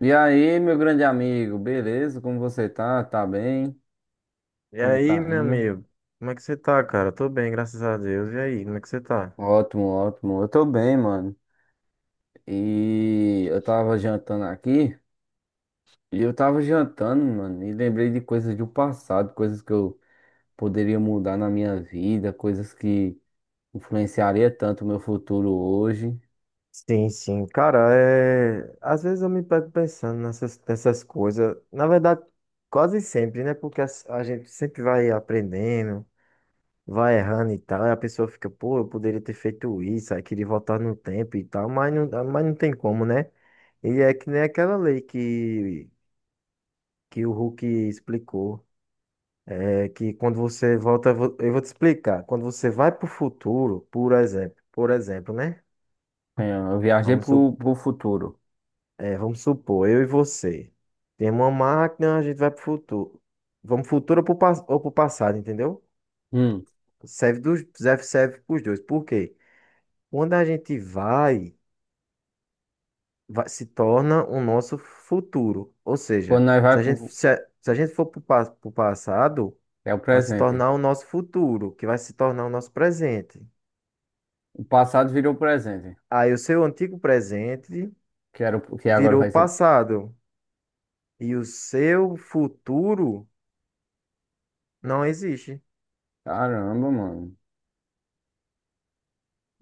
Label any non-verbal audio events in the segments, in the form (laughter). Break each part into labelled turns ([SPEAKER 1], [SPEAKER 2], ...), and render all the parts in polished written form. [SPEAKER 1] E aí, meu grande amigo, beleza? Como você tá? Tá bem?
[SPEAKER 2] E
[SPEAKER 1] Como
[SPEAKER 2] aí,
[SPEAKER 1] tá
[SPEAKER 2] meu
[SPEAKER 1] indo?
[SPEAKER 2] amigo? Como é que você tá, cara? Tô bem, graças a Deus. E aí, como é que você tá?
[SPEAKER 1] Ótimo, ótimo. Eu tô bem, mano. E eu tava jantando aqui, e eu tava jantando, mano, e lembrei de coisas do passado, coisas que eu poderia mudar na minha vida, coisas que influenciaria tanto o meu futuro hoje.
[SPEAKER 2] Sim, sim, cara, às vezes eu me pego pensando nessas coisas, na verdade, quase sempre, né? Porque a gente sempre vai aprendendo, vai errando e tal, e a pessoa fica, pô, eu poderia ter feito isso, aí queria voltar no tempo e tal, mas não tem como, né? E é que nem aquela lei que o Hulk explicou. É que quando você volta, eu vou te explicar. Quando você vai para o futuro, por exemplo, né?
[SPEAKER 1] É, eu viajei
[SPEAKER 2] Vamos, su-
[SPEAKER 1] pro futuro.
[SPEAKER 2] Vamos supor, eu e você. Temos uma máquina, a gente vai para o futuro. Vamos futuro ou para o passado, entendeu?
[SPEAKER 1] Hum.
[SPEAKER 2] Serve para os dois. Por quê? Quando a gente se torna o nosso futuro. Ou
[SPEAKER 1] Quando
[SPEAKER 2] seja,
[SPEAKER 1] nós vai pro...
[SPEAKER 2] se a gente for para o passado,
[SPEAKER 1] É o
[SPEAKER 2] vai se
[SPEAKER 1] presente.
[SPEAKER 2] tornar o nosso futuro, que vai se tornar o nosso presente.
[SPEAKER 1] O passado virou presente.
[SPEAKER 2] Aí o seu antigo presente
[SPEAKER 1] Que era, o- que agora
[SPEAKER 2] virou
[SPEAKER 1] vai ser...
[SPEAKER 2] passado e o seu futuro não existe.
[SPEAKER 1] Caramba, mano.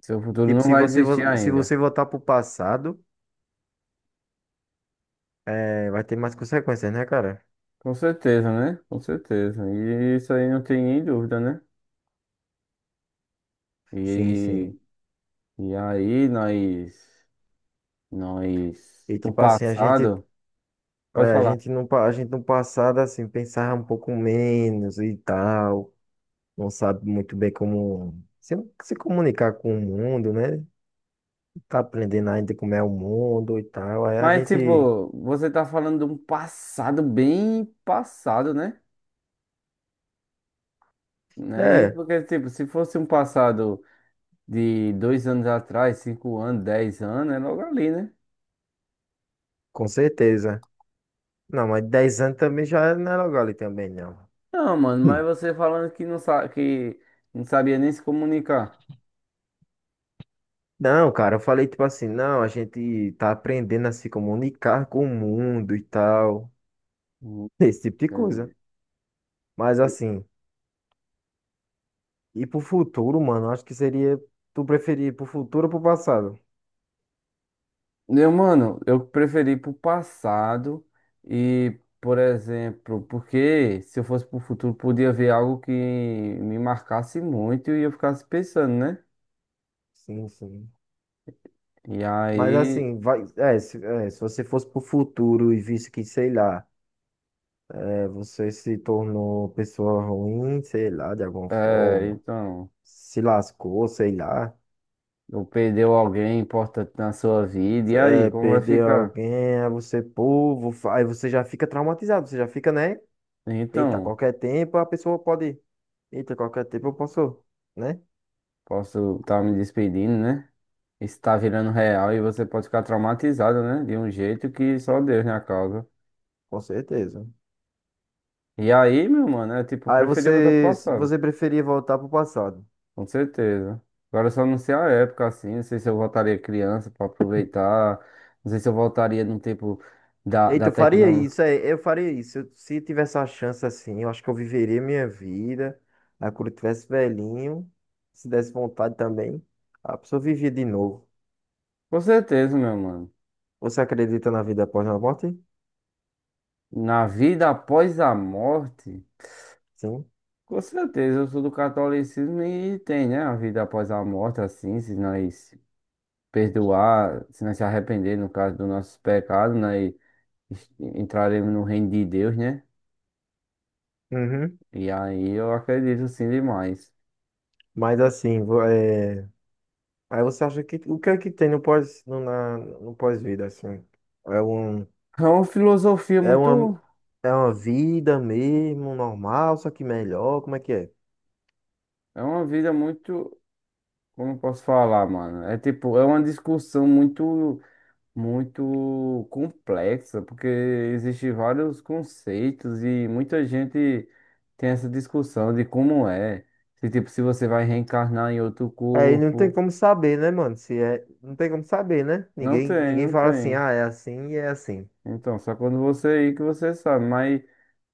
[SPEAKER 1] Seu futuro
[SPEAKER 2] Tipo,
[SPEAKER 1] não vai existir
[SPEAKER 2] se
[SPEAKER 1] ainda.
[SPEAKER 2] você voltar pro passado, é, vai ter mais consequências, né, cara?
[SPEAKER 1] Com certeza, né? Com certeza. E isso aí não tem nem dúvida, né?
[SPEAKER 2] Sim,
[SPEAKER 1] E,
[SPEAKER 2] sim.
[SPEAKER 1] e aí nós,
[SPEAKER 2] E
[SPEAKER 1] do
[SPEAKER 2] tipo assim, a gente,
[SPEAKER 1] passado,
[SPEAKER 2] é,
[SPEAKER 1] pode
[SPEAKER 2] a
[SPEAKER 1] falar.
[SPEAKER 2] gente no, pa- a gente no passado, assim, pensava um pouco menos e tal. Não sabe muito bem como se comunicar com o mundo, né? Tá aprendendo ainda como é o mundo e tal. Aí a
[SPEAKER 1] Mas,
[SPEAKER 2] gente,
[SPEAKER 1] tipo, você tá falando de um passado bem passado, né? Não é isso,
[SPEAKER 2] é,
[SPEAKER 1] porque, tipo, se fosse um passado de 2 anos atrás, 5 anos, 10 anos, é logo ali, né?
[SPEAKER 2] com certeza. Não, mas 10 anos também já não é logo ali também, não.
[SPEAKER 1] Não, mano, mas
[SPEAKER 2] Hum.
[SPEAKER 1] você falando que não sabe, que não sabia nem se comunicar.
[SPEAKER 2] Não, cara, eu falei tipo assim, não, a gente tá aprendendo a se comunicar com o mundo e tal,
[SPEAKER 1] Hum,
[SPEAKER 2] (laughs) esse tipo de coisa.
[SPEAKER 1] Entendi.
[SPEAKER 2] Mas assim, e pro futuro, mano, acho que seria tu preferir ir pro futuro ou pro passado?
[SPEAKER 1] Eu, mano, eu preferi pro passado e, por exemplo, porque se eu fosse pro futuro, podia ver algo que me marcasse muito e eu ficasse pensando, né?
[SPEAKER 2] Sim, sim.
[SPEAKER 1] E
[SPEAKER 2] Mas
[SPEAKER 1] aí,
[SPEAKER 2] assim, vai, é, se você fosse pro futuro e visse que, sei lá, é, você se tornou pessoa ruim, sei lá, de alguma
[SPEAKER 1] é,
[SPEAKER 2] forma,
[SPEAKER 1] então,
[SPEAKER 2] se lascou, sei lá.
[SPEAKER 1] eu perdeu alguém importante na sua vida, e aí,
[SPEAKER 2] Vai
[SPEAKER 1] como vai
[SPEAKER 2] perder
[SPEAKER 1] ficar?
[SPEAKER 2] alguém, aí você, pô, aí você já fica traumatizado, você já fica, né? Eita,
[SPEAKER 1] Então,
[SPEAKER 2] qualquer tempo a pessoa pode. Eita, qualquer tempo eu posso, né?
[SPEAKER 1] posso estar me despedindo, né? Isso tá virando real e você pode ficar traumatizado, né? De um jeito que só Deus na causa.
[SPEAKER 2] Com certeza.
[SPEAKER 1] E aí, meu mano, é tipo, eu
[SPEAKER 2] Aí
[SPEAKER 1] preferia voltar pro passado.
[SPEAKER 2] você preferia voltar pro passado.
[SPEAKER 1] Com certeza. Agora eu só não sei a época assim, não sei se eu voltaria criança para aproveitar, não sei se eu voltaria no tempo
[SPEAKER 2] Eita,
[SPEAKER 1] da
[SPEAKER 2] eu faria
[SPEAKER 1] tecnologia.
[SPEAKER 2] isso, é, eu faria isso. Eu- Se tivesse a chance assim, eu acho que eu viveria minha vida. Aí quando eu tivesse velhinho, se desse vontade também, a pessoa vivia de novo.
[SPEAKER 1] Com certeza, meu mano.
[SPEAKER 2] Você acredita na vida após a morte?
[SPEAKER 1] Na vida após a morte,
[SPEAKER 2] Sim.
[SPEAKER 1] com certeza, eu sou do catolicismo e tem, né, a vida após a morte, assim, se nós perdoar, se nós se arrepender, no caso dos nossos pecados, nós es- entraremos no reino de Deus, né?
[SPEAKER 2] Uhum.
[SPEAKER 1] E aí eu acredito sim demais.
[SPEAKER 2] Mas assim, vo- é. Aí você acha que o que é que tem no pós-vida assim? É um
[SPEAKER 1] É uma filosofia
[SPEAKER 2] é uma
[SPEAKER 1] muito.
[SPEAKER 2] é uma vida mesmo normal, só que melhor, como é que é?
[SPEAKER 1] É uma vida muito, como eu posso falar, mano? É tipo, é uma discussão muito, muito complexa, porque existem vários conceitos e muita gente tem essa discussão de como é. Se tipo, se você vai reencarnar em outro
[SPEAKER 2] Aí não tem
[SPEAKER 1] corpo.
[SPEAKER 2] como saber, né, mano? Se é, não tem como saber, né?
[SPEAKER 1] Não
[SPEAKER 2] Ninguém
[SPEAKER 1] tem,
[SPEAKER 2] ninguém
[SPEAKER 1] não
[SPEAKER 2] fala assim,
[SPEAKER 1] tem.
[SPEAKER 2] ah, é assim e é assim.
[SPEAKER 1] Então, só quando você ir que você sabe, mas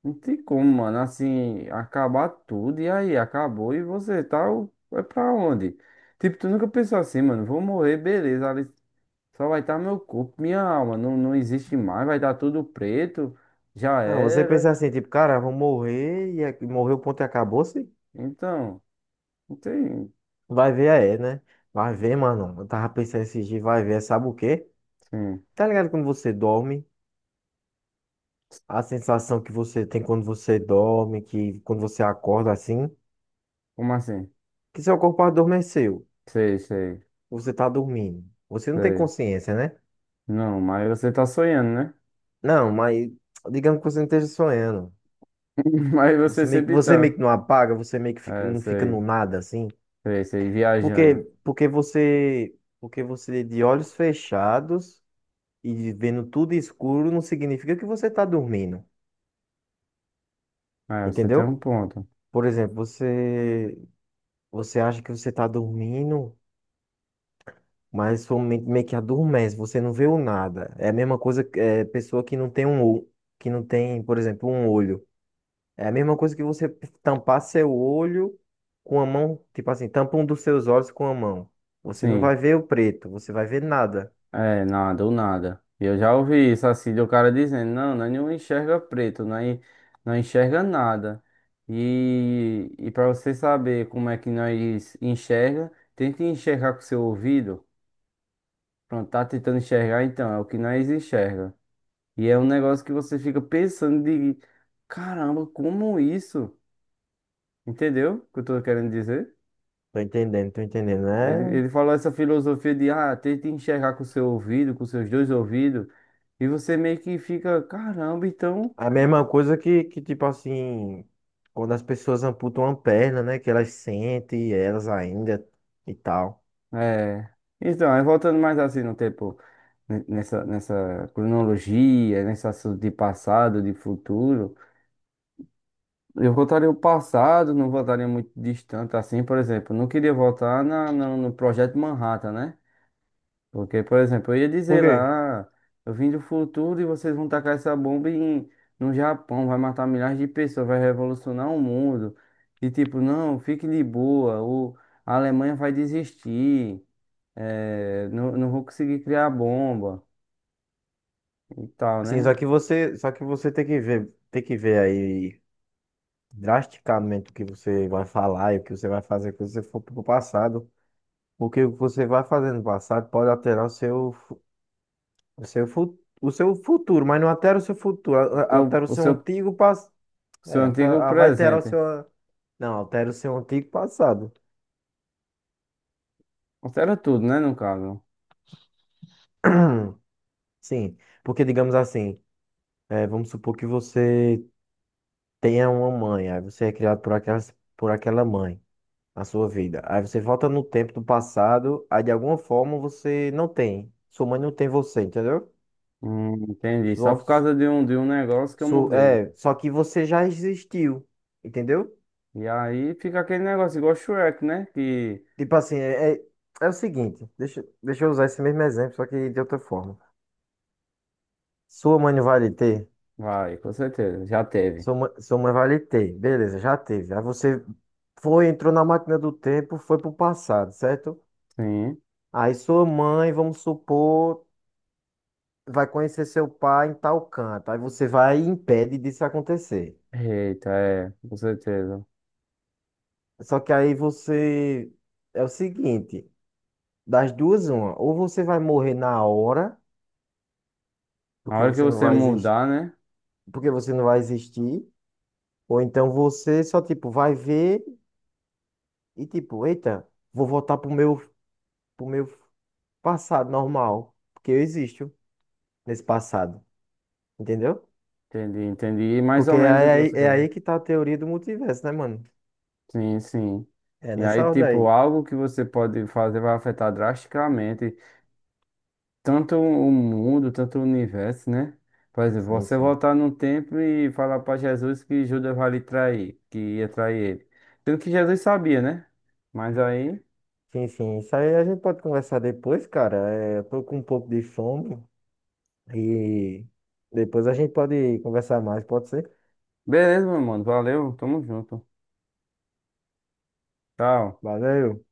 [SPEAKER 1] não tem como, mano, assim, acabar tudo e aí acabou e você tá, o- vai pra onde? Tipo, tu nunca pensou assim, mano, vou morrer, beleza. Só vai estar meu corpo, minha alma. Não, não existe mais, vai dar tudo preto. Já
[SPEAKER 2] Não, você pensa
[SPEAKER 1] era.
[SPEAKER 2] assim, tipo, cara, eu vou morrer e é- morreu, ponto e acabou-se.
[SPEAKER 1] Então, não tem.
[SPEAKER 2] Vai ver, é, né? Vai ver, mano. Eu tava pensando esses dias, vai ver, sabe o quê?
[SPEAKER 1] Sim.
[SPEAKER 2] Tá ligado quando você dorme? A sensação que você tem quando você dorme, que quando você acorda assim,
[SPEAKER 1] Como assim?
[SPEAKER 2] que seu corpo adormeceu,
[SPEAKER 1] Sei, sei,
[SPEAKER 2] você tá dormindo. Você não tem
[SPEAKER 1] sei.
[SPEAKER 2] consciência, né?
[SPEAKER 1] Não, mas você tá sonhando, né?
[SPEAKER 2] Não, mas digamos que você não esteja sonhando.
[SPEAKER 1] (laughs) Mas você
[SPEAKER 2] Você
[SPEAKER 1] sempre
[SPEAKER 2] você meio
[SPEAKER 1] tá.
[SPEAKER 2] que não apaga, você meio que
[SPEAKER 1] É,
[SPEAKER 2] não fica no
[SPEAKER 1] sei,
[SPEAKER 2] nada assim.
[SPEAKER 1] sei, sei,
[SPEAKER 2] Porque,
[SPEAKER 1] viajando.
[SPEAKER 2] porque você de olhos fechados e vendo tudo escuro não significa que você tá dormindo,
[SPEAKER 1] É, você tem um
[SPEAKER 2] entendeu?
[SPEAKER 1] ponto.
[SPEAKER 2] Por exemplo, você acha que você tá dormindo. Mas sua mente meio que adormece, você não vê o nada. É a mesma coisa pessoa que não tem um olho, que não tem, por exemplo, um olho. É a mesma coisa que você tampar seu olho com a mão, tipo assim, tampa um dos seus olhos com a mão. Você não vai
[SPEAKER 1] Sim.
[SPEAKER 2] ver o preto, você vai ver nada.
[SPEAKER 1] É, nada, ou nada. Eu já ouvi isso assim, do cara dizendo, não, nós não enxerga preto, nós não enxerga nada. E para você saber como é que nós enxerga, tente enxergar com seu ouvido. Pronto, tá tentando enxergar, então, é o que nós enxerga. E é um negócio que você fica pensando de, caramba, como isso? Entendeu o que eu tô querendo dizer?
[SPEAKER 2] Tô entendendo, tô entendendo.
[SPEAKER 1] Ele,
[SPEAKER 2] É
[SPEAKER 1] ele falou essa filosofia de, ah, tenta enxergar com o seu ouvido, com os seus dois ouvidos, e você meio que fica, caramba, então,
[SPEAKER 2] a mesma coisa que tipo assim, quando as pessoas amputam uma perna, né, que elas sentem elas ainda e tal.
[SPEAKER 1] é... Então, aí voltando mais assim no tempo, n- nessa cronologia, nesse assunto de passado, de futuro, eu voltaria o passado, não voltaria muito distante assim, por exemplo, não queria voltar na, na- no Projeto Manhattan, né? Porque, por exemplo, eu ia
[SPEAKER 2] Por
[SPEAKER 1] dizer
[SPEAKER 2] quê?
[SPEAKER 1] lá, "Ah, eu vim do futuro e vocês vão tacar essa bomba em, no Japão, vai matar milhares de pessoas, vai revolucionar o mundo. E tipo, não, fique de boa, o, a Alemanha vai desistir, não, não vou conseguir criar bomba e tal,
[SPEAKER 2] Sim,
[SPEAKER 1] né?
[SPEAKER 2] só que você tem que tem que ver aí drasticamente o que você vai falar e o que você vai fazer quando você for pro passado. O que você vai fazer no passado pode alterar o seu futuro, mas não altera o seu futuro,
[SPEAKER 1] O seu,
[SPEAKER 2] altera o
[SPEAKER 1] o
[SPEAKER 2] seu
[SPEAKER 1] seu,
[SPEAKER 2] antigo passado.
[SPEAKER 1] seu
[SPEAKER 2] É,
[SPEAKER 1] antigo
[SPEAKER 2] altera- vai alterar o
[SPEAKER 1] presente.
[SPEAKER 2] seu. Não, altera o seu antigo passado.
[SPEAKER 1] Altera tudo, né, no caso.
[SPEAKER 2] (clears throat) Sim, porque digamos assim, é, vamos supor que você tenha uma mãe, aí você é criado por aquela mãe. Na sua vida. Aí você volta no tempo do passado, aí de alguma forma você não tem. Sua mãe não tem você, entendeu?
[SPEAKER 1] Entendi. Só
[SPEAKER 2] Sua,
[SPEAKER 1] por causa de um negócio que eu mudei.
[SPEAKER 2] só que você já existiu, entendeu?
[SPEAKER 1] E aí fica aquele negócio igual Shrek, né? Que
[SPEAKER 2] Tipo assim, é o seguinte, deixa eu usar esse mesmo exemplo, só que de outra forma. Sua mãe não vai lhe ter,
[SPEAKER 1] vai, com certeza. Já teve.
[SPEAKER 2] sua mãe vai lhe ter, beleza, já teve. Aí você foi, entrou na máquina do tempo, foi pro passado, certo?
[SPEAKER 1] Sim.
[SPEAKER 2] Aí sua mãe, vamos supor. Vai conhecer seu pai em tal canto. Aí você vai e impede disso acontecer.
[SPEAKER 1] Eita, é, com certeza.
[SPEAKER 2] Só que aí você. É o seguinte, das duas, uma. Ou você vai morrer na hora,
[SPEAKER 1] Na
[SPEAKER 2] porque
[SPEAKER 1] hora que
[SPEAKER 2] você não
[SPEAKER 1] você
[SPEAKER 2] vai existir,
[SPEAKER 1] mudar, né?
[SPEAKER 2] porque você não vai existir, ou então você só, tipo, vai ver e tipo, eita, vou voltar pro meu passado normal. Porque eu existo nesse passado. Entendeu?
[SPEAKER 1] Entendi, entendi. Mais
[SPEAKER 2] Porque
[SPEAKER 1] ou menos o que você
[SPEAKER 2] é
[SPEAKER 1] quer.
[SPEAKER 2] aí que tá a teoria do multiverso, né, mano?
[SPEAKER 1] Sim, sim.
[SPEAKER 2] É
[SPEAKER 1] E aí,
[SPEAKER 2] nessa ordem
[SPEAKER 1] tipo,
[SPEAKER 2] aí.
[SPEAKER 1] algo que você pode fazer vai afetar drasticamente tanto o mundo, tanto o universo, né? Por exemplo,
[SPEAKER 2] Sim,
[SPEAKER 1] você
[SPEAKER 2] sim.
[SPEAKER 1] voltar no tempo e falar para Jesus que Judas vai lhe trair, que ia trair ele. Sendo que Jesus sabia, né? Mas aí,
[SPEAKER 2] Sim, sim. Isso aí a gente pode conversar depois, cara. É, eu tô com um pouco de fome e depois a gente pode conversar mais, pode ser?
[SPEAKER 1] beleza, meu mano. Valeu, tamo junto. Tchau.
[SPEAKER 2] Valeu.